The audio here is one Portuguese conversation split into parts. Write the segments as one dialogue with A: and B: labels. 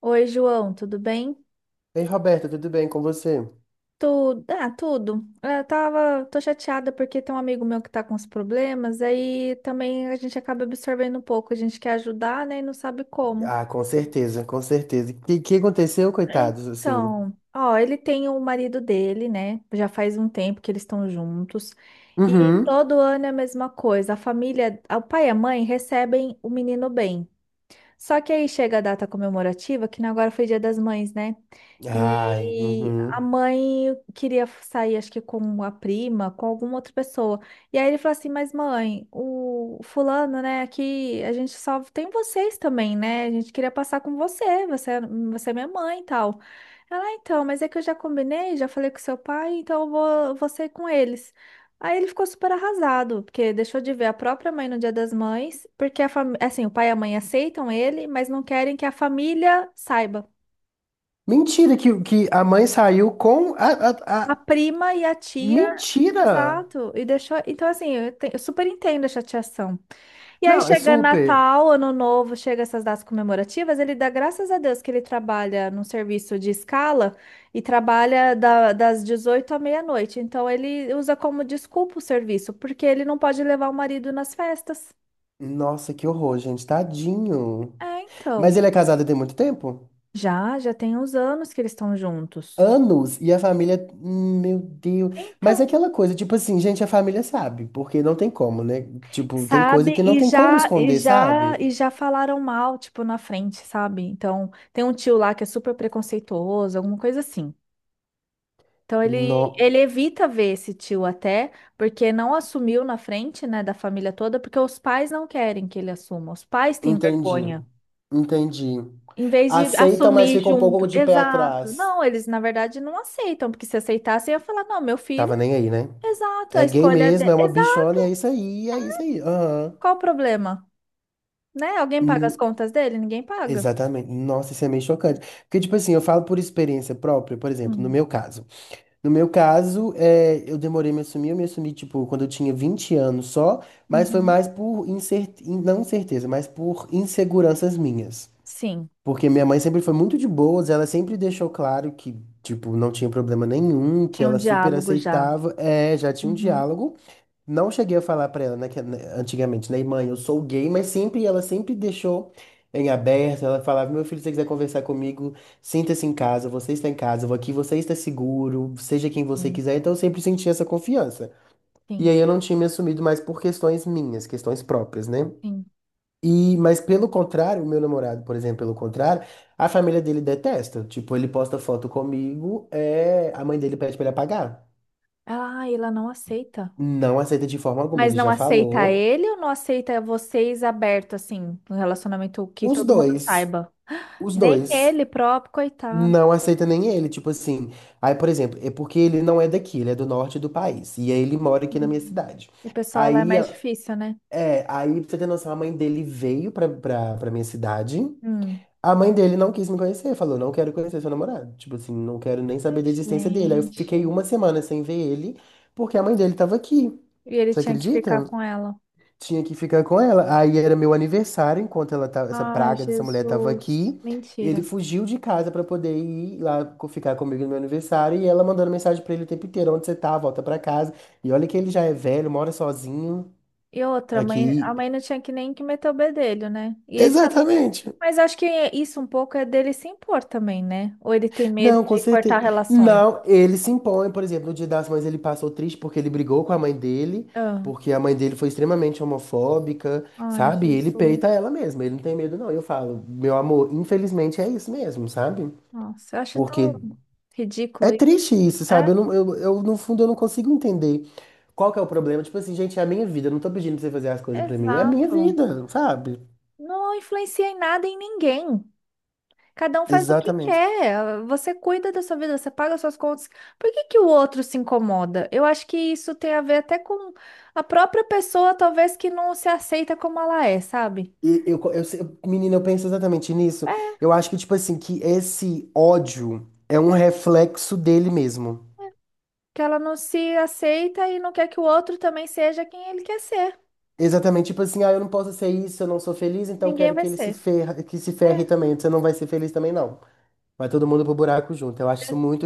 A: Oi, João, tudo bem?
B: Ei, Roberta, tudo bem com você?
A: Tudo, ah, tudo. É, eu tô chateada porque tem um amigo meu que tá com os problemas, aí também a gente acaba absorvendo um pouco, a gente quer ajudar, né, e não sabe como.
B: Ah, com certeza, com certeza. O que aconteceu, coitados, assim?
A: Então, ó, ele tem o marido dele, né? Já faz um tempo que eles estão juntos. E
B: Uhum.
A: todo ano é a mesma coisa. A família, o pai e a mãe recebem o menino bem. Só que aí chega a data comemorativa, que agora foi Dia das Mães, né?
B: Ai,
A: E a
B: uhum.
A: mãe queria sair, acho que com a prima, com alguma outra pessoa. E aí ele falou assim: Mas mãe, o fulano, né? Aqui a gente só tem vocês também, né? A gente queria passar com você é minha mãe e tal. Ela, "Ah, então, mas é que eu já combinei, já falei com seu pai, então eu vou ser com eles. Aí ele ficou super arrasado, porque deixou de ver a própria mãe no Dia das Mães, porque assim, o pai e a mãe aceitam ele, mas não querem que a família saiba.
B: Mentira que a mãe saiu com a, a,
A: A
B: a-
A: prima e a tia,
B: Mentira!
A: exato, e deixou. Então, assim, eu super entendo a chateação. E aí
B: Não, é
A: chega
B: super.
A: Natal, Ano Novo, chega essas datas comemorativas, ele dá graças a Deus que ele trabalha num serviço de escala e trabalha das 18 à meia-noite. Então, ele usa como desculpa o serviço, porque ele não pode levar o marido nas festas.
B: Nossa, que horror, gente, tadinho.
A: É,
B: Mas
A: então,
B: ele é casado tem muito tempo?
A: já tem uns anos que eles estão juntos.
B: Anos, e a família. Meu Deus. Mas é
A: Então,
B: aquela coisa, tipo assim, gente, a família sabe, porque não tem como, né? Tipo, tem coisa
A: sabe?
B: que não
A: E
B: tem como
A: já, e
B: esconder,
A: já,
B: sabe?
A: e já falaram mal, tipo, na frente, sabe? Então, tem um tio lá que é super preconceituoso, alguma coisa assim. Então, ele,
B: Não.
A: ele evita ver esse tio até, porque não assumiu na frente, né, da família toda, porque os pais não querem que ele assuma. Os pais têm
B: Entendi.
A: vergonha.
B: Entendi.
A: Em vez de
B: Aceitam, mas
A: assumir
B: fica um pouco
A: junto.
B: de pé
A: Exato.
B: atrás.
A: Não, eles, na verdade, não aceitam, porque se aceitassem, ia falar, não, meu filho.
B: Tava nem aí, né?
A: Exato, a
B: É gay
A: escolha
B: mesmo,
A: dele.
B: é uma
A: Exato,
B: bichona, e é isso aí, é isso aí. Aham.
A: qual o problema? Né? Alguém paga as
B: Hum,
A: contas dele? Ninguém paga.
B: exatamente. Nossa, isso é meio chocante. Porque, tipo assim, eu falo por experiência própria, por exemplo, no
A: Hum,
B: meu caso. No meu caso, é, eu demorei a me assumir, eu me assumi, tipo, quando eu tinha 20 anos só, mas foi
A: uhum.
B: mais por incer- não, certeza, mas por inseguranças minhas.
A: Sim,
B: Porque minha mãe sempre foi muito de boas, ela sempre deixou claro que, tipo, não tinha problema nenhum, que
A: tinha um
B: ela super
A: diálogo já.
B: aceitava. É, já tinha um
A: Uhum.
B: diálogo. Não cheguei a falar pra ela, né, que, né, antigamente, né, mãe, eu sou gay, mas sempre, ela sempre deixou em aberto. Ela falava, meu filho, se você quiser conversar comigo, sinta-se em casa, você está em casa, eu vou aqui você está seguro, seja quem você
A: Sim,
B: quiser. Então eu sempre senti essa confiança. E
A: sim,
B: aí eu não tinha me assumido mais por questões minhas, questões próprias, né?
A: sim.
B: E, mas pelo contrário, o meu namorado, por exemplo, pelo contrário, a família dele detesta. Tipo, ele posta foto comigo, é, a mãe dele pede pra ele apagar.
A: Ah, ela não aceita.
B: Não aceita de forma alguma,
A: Mas
B: ele
A: não
B: já
A: aceita
B: falou.
A: ele ou não aceita vocês aberto, assim, um relacionamento que
B: Os
A: todo mundo
B: dois,
A: saiba?
B: os
A: Nem
B: dois,
A: ele próprio, coitado.
B: não aceita nem ele, tipo assim. Aí, por exemplo, é porque ele não é daqui, ele é do norte do país. E aí ele mora aqui na minha
A: Hum.
B: cidade.
A: E o pessoal lá é
B: Aí,
A: mais difícil, né?
B: aí, pra você ter noção, a mãe dele veio pra minha cidade.
A: Hum.
B: A mãe dele não quis me conhecer, falou, não quero conhecer seu namorado. Tipo assim, não quero nem
A: Ai,
B: saber da existência dele. Aí eu
A: gente.
B: fiquei
A: E
B: uma semana sem ver ele, porque a mãe dele tava aqui.
A: ele
B: Você
A: tinha que ficar
B: acredita?
A: com ela.
B: Tinha que ficar com ela. Aí era meu aniversário, enquanto ela tava, essa
A: Ai,
B: praga dessa mulher tava
A: Jesus.
B: aqui. Ele
A: Mentira.
B: fugiu de casa pra poder ir lá ficar comigo no meu aniversário. E ela mandando mensagem pra ele o tempo inteiro, onde você tá, volta pra casa. E olha que ele já é velho, mora sozinho
A: E outra, a mãe, a
B: aqui.
A: mãe não tinha que nem que meter o bedelho, né? E ele também.
B: Exatamente.
A: Mas acho que isso um pouco é dele se impor também, né? Ou ele tem medo
B: Não, com
A: de cortar
B: certeza.
A: relações.
B: Não, ele se impõe, por exemplo, no Dia das Mães ele passou triste porque ele brigou com a mãe dele,
A: Ah,
B: porque a mãe dele foi extremamente homofóbica,
A: Ai,
B: sabe? E ele peita
A: Jesus.
B: ela mesmo, ele não tem medo, não. Eu falo, meu amor, infelizmente é isso mesmo, sabe?
A: Nossa, eu acho tão
B: Porque é
A: ridículo isso.
B: triste isso, sabe?
A: É,
B: Eu, não, eu, no fundo, eu não consigo entender qual que é o problema. Tipo assim, gente, é a minha vida, eu não tô pedindo pra você fazer as coisas pra mim, é a minha
A: exato.
B: vida, sabe?
A: Não influencia em nada em ninguém. Cada um faz o que
B: Exatamente.
A: quer. Você cuida da sua vida, você paga suas contas. Por que que o outro se incomoda? Eu acho que isso tem a ver até com a própria pessoa, talvez, que não se aceita como ela é, sabe?
B: E eu, menina, eu penso exatamente nisso. Eu acho que, tipo assim, que esse ódio é um reflexo dele mesmo.
A: Que ela não se aceita e não quer que o outro também seja quem ele quer ser.
B: Exatamente, tipo assim, ah, eu não posso ser isso, eu não sou feliz, então
A: Ninguém
B: quero
A: vai
B: que ele se
A: ser.
B: ferra, que se
A: É,
B: ferre também. Você não vai ser feliz também, não. Vai todo mundo pro buraco junto. Eu acho isso
A: eu,
B: muito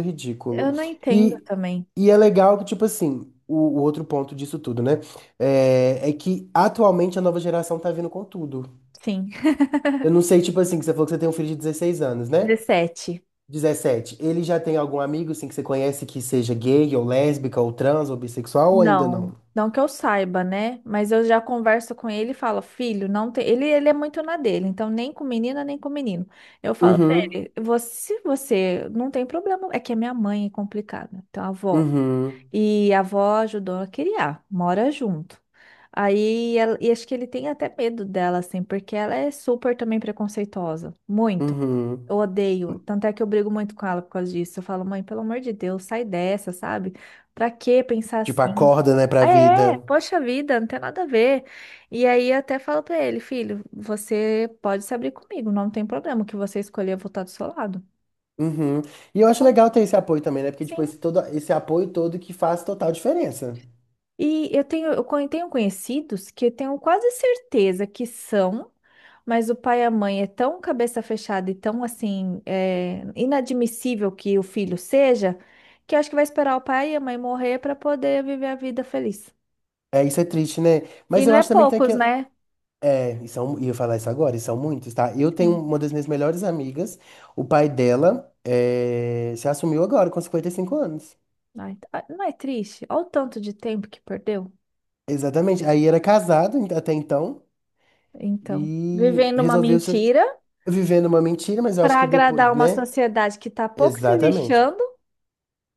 A: eu
B: ridículo.
A: não entendo
B: E,
A: também.
B: e é legal que, tipo assim, o outro ponto disso tudo, né? É, que atualmente a nova geração tá vindo com tudo.
A: Sim.
B: Eu não sei, tipo assim, que você falou que você tem um filho de 16 anos, né?
A: 17.
B: 17. Ele já tem algum amigo, assim, que você conhece que seja gay, ou lésbica, ou trans, ou bissexual, ou ainda
A: Não.
B: não?
A: Não que eu saiba, né? Mas eu já converso com ele e falo, filho, não tem. Ele é muito na dele, então nem com menina, nem com menino. Eu falo pra
B: Uhum,
A: ele, você, se você não tem problema. É que a minha mãe é complicada. Então, a avó.
B: uhum,
A: E a avó ajudou a criar, mora junto. Aí, e acho que ele tem até medo dela, assim, porque ela é super também preconceituosa. Muito.
B: uhum.
A: Eu odeio. Tanto é que eu brigo muito com ela por causa disso. Eu falo, mãe, pelo amor de Deus, sai dessa, sabe? Pra que pensar
B: Tipo,
A: assim?
B: acorda, né, pra
A: Ah, é,
B: vida.
A: poxa vida, não tem nada a ver. E aí, eu até falo pra ele, filho, você pode se abrir comigo, não tem problema. O que você escolher, eu vou estar do seu lado.
B: Uhum. E eu acho
A: Então,
B: legal ter esse apoio também, né? Porque, tipo,
A: sim.
B: esse, todo, esse apoio todo que faz total diferença.
A: E eu tenho, eu con- tenho conhecidos que eu tenho quase certeza que são, mas o pai e a mãe é tão cabeça fechada e tão assim, é, inadmissível que o filho seja, que acho que vai esperar o pai e a mãe morrer para poder viver a vida feliz.
B: É, isso é triste, né?
A: E
B: Mas
A: não
B: eu
A: é
B: acho também que tem que.
A: poucos, né?
B: É, e são, e eu falar isso agora, e são muitos, tá? Eu tenho
A: Sim.
B: uma das minhas melhores amigas, o pai dela é, se assumiu agora, com 55 anos.
A: Ai, ah, não é triste? Olha o tanto de tempo que perdeu.
B: Exatamente. Aí era casado até então.
A: Então,
B: E
A: vivendo uma
B: resolveu se
A: mentira
B: viver numa mentira, mas eu acho
A: para
B: que depois,
A: agradar uma
B: né?
A: sociedade que tá pouco se
B: Exatamente.
A: lixando,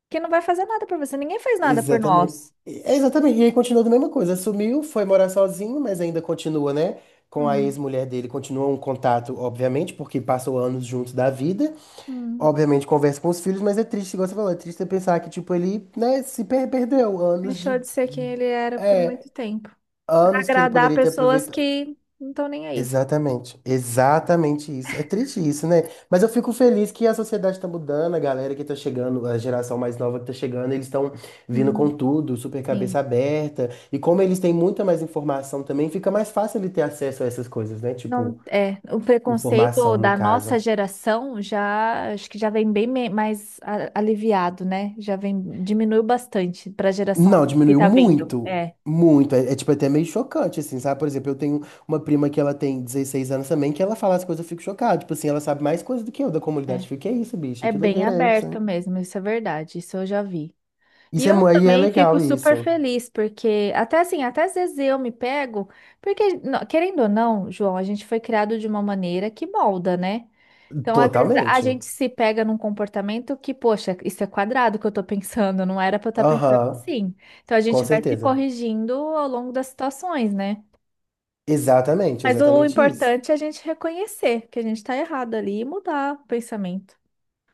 A: que não vai fazer nada por você. Ninguém faz nada por
B: Exatamente.
A: nós.
B: É, exatamente. E aí continuou da mesma coisa. Sumiu, foi morar sozinho, mas ainda continua, né? Com a
A: Hum.
B: ex-mulher dele, continua um contato, obviamente, porque passou anos juntos da vida.
A: Hum.
B: Obviamente conversa com os filhos, mas é triste, igual você falou, é triste pensar que, tipo, ele, né, se perdeu anos
A: Deixou
B: de.
A: de ser quem ele era por
B: É,
A: muito tempo.
B: anos que ele
A: Agradar
B: poderia ter
A: pessoas
B: aproveitado.
A: que não estão nem aí.
B: Exatamente, exatamente isso. É triste isso, né? Mas eu fico feliz que a sociedade está mudando, a galera que tá chegando, a geração mais nova que tá chegando, eles estão vindo com
A: Hum,
B: tudo, super cabeça
A: sim.
B: aberta. E como eles têm muita mais informação também, fica mais fácil ele ter acesso a essas coisas, né? Tipo,
A: Não, é, o preconceito
B: informação no
A: da
B: caso.
A: nossa geração já, acho que já vem bem mais aliviado, né? Já vem, diminuiu bastante para a geração
B: Não,
A: que
B: diminuiu
A: tá vindo.
B: muito,
A: É,
B: muito. É, tipo até meio chocante, assim, sabe? Por exemplo, eu tenho uma prima que ela tem 16 anos também, que ela fala as coisas, eu fico chocado. Tipo assim, ela sabe mais coisas do que eu da comunidade.
A: é.
B: Eu fico, que é isso, bicho?
A: É
B: Que
A: bem
B: doideira é essa?
A: aberto mesmo, isso é verdade, isso eu já vi. E
B: Isso é,
A: eu
B: aí é
A: também fico
B: legal,
A: super
B: isso.
A: feliz, porque até assim, até às vezes eu me pego, porque, querendo ou não, João, a gente foi criado de uma maneira que molda, né? Então, às vezes, a
B: Totalmente.
A: gente se pega num comportamento que, poxa, isso é quadrado que eu tô pensando, não era pra eu estar pensando
B: Aham,
A: assim. Então, a
B: com
A: gente vai se
B: certeza.
A: corrigindo ao longo das situações, né?
B: Exatamente,
A: Mas o
B: exatamente isso.
A: importante é a gente reconhecer que a gente tá errado ali e mudar o pensamento.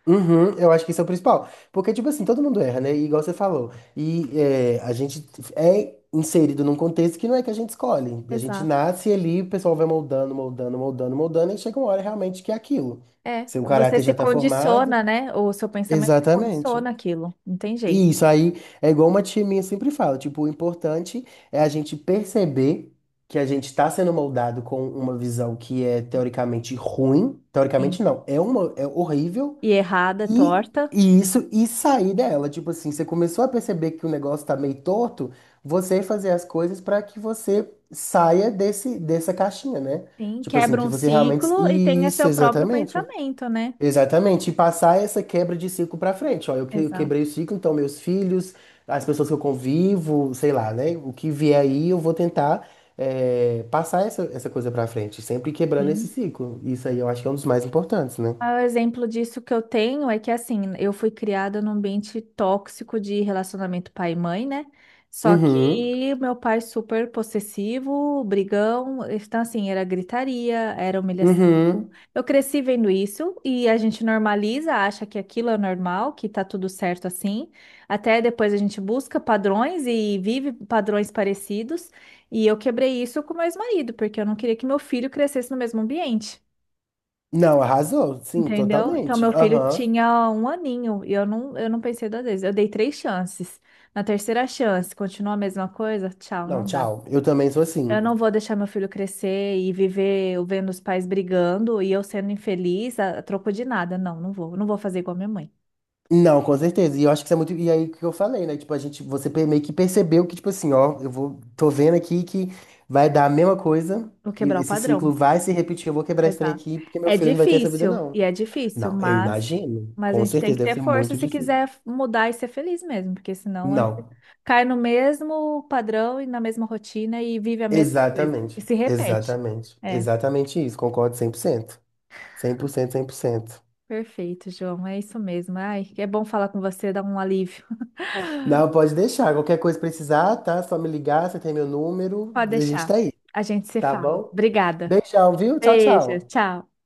B: Uhum, eu acho que isso é o principal. Porque, tipo assim, todo mundo erra, né? E igual você falou. E é, a gente é inserido num contexto que não é que a gente escolhe. A gente
A: Exato.
B: nasce ali, o pessoal vai moldando, moldando, moldando, moldando, e chega uma hora realmente que é aquilo.
A: É,
B: Seu
A: você
B: caráter
A: se
B: já tá formado.
A: condiciona, né? O seu pensamento se
B: Exatamente.
A: condiciona aquilo, não tem jeito.
B: E isso aí é igual uma tia minha sempre fala, tipo, o importante é a gente perceber que a gente está sendo moldado com uma visão que é teoricamente ruim,
A: Sim,
B: teoricamente não, é uma, é horrível,
A: e errada,
B: e,
A: torta.
B: e isso, e sair dela, tipo assim, você começou a perceber que o negócio tá meio torto, você fazer as coisas para que você saia desse, dessa caixinha, né?
A: Sim,
B: Tipo assim,
A: quebra
B: que
A: um
B: você realmente.
A: ciclo e tenha
B: Isso,
A: seu próprio
B: exatamente.
A: pensamento, né?
B: Exatamente, e passar essa quebra de ciclo pra frente. Ó, eu quebrei
A: Exato.
B: o ciclo, então meus filhos, as pessoas que eu convivo, sei lá, né? O que vier aí, eu vou tentar passar essa coisa pra frente, sempre quebrando esse
A: Sim.
B: ciclo. Isso aí eu acho que é um dos mais importantes, né?
A: Ah, o exemplo disso que eu tenho é que, assim, eu fui criada num ambiente tóxico de relacionamento pai e mãe, né? Só
B: Uhum,
A: que meu pai super possessivo, brigão, então, assim, era gritaria, era humilhação.
B: uhum.
A: Eu cresci vendo isso e a gente normaliza, acha que aquilo é normal, que tá tudo certo assim. Até depois a gente busca padrões e vive padrões parecidos. E eu quebrei isso com meu ex-marido, porque eu não queria que meu filho crescesse no mesmo ambiente.
B: Não, arrasou, sim,
A: Entendeu? Então,
B: totalmente.
A: meu filho
B: Aham.
A: tinha um aninho e eu não pensei duas vezes. Eu dei três chances. Na terceira chance, continua a mesma coisa? Tchau,
B: Não,
A: não dá.
B: tchau. Eu também sou assim.
A: Eu não vou deixar meu filho crescer e viver eu vendo os pais brigando e eu sendo infeliz a troco de nada. Não, não vou. Não vou fazer igual a minha mãe.
B: Não, com certeza. E eu acho que isso é muito. E aí que eu falei, né? Tipo, a gente, você meio que percebeu que, tipo assim, ó, tô vendo aqui que vai dar a mesma coisa,
A: Vou
B: e
A: quebrar o
B: esse
A: padrão.
B: ciclo vai se repetir. Eu vou quebrar esse trem
A: Exato.
B: aqui, porque meu
A: É
B: filho não vai ter essa vida,
A: difícil,
B: não.
A: e é difícil,
B: Não, eu imagino.
A: mas a
B: Com
A: gente tem
B: certeza,
A: que
B: deve
A: ter
B: ser
A: força
B: muito
A: se
B: difícil.
A: quiser mudar e ser feliz mesmo, porque senão a gente
B: Não,
A: cai no mesmo padrão e na mesma rotina e vive a mesma coisa, e
B: exatamente.
A: se repete.
B: Exatamente.
A: É,
B: Exatamente isso. Concordo cem por cento, 100%, 100%,
A: perfeito, João, é isso mesmo. Ai, é bom falar com você, dá um alívio.
B: Não, pode deixar. Qualquer coisa precisar, tá? Só me ligar, você tem meu número,
A: Pode
B: a gente tá
A: deixar,
B: aí,
A: a gente se
B: tá
A: fala.
B: bom?
A: Obrigada.
B: Beijão, viu? Tchau,
A: Beijo,
B: tchau.
A: tchau.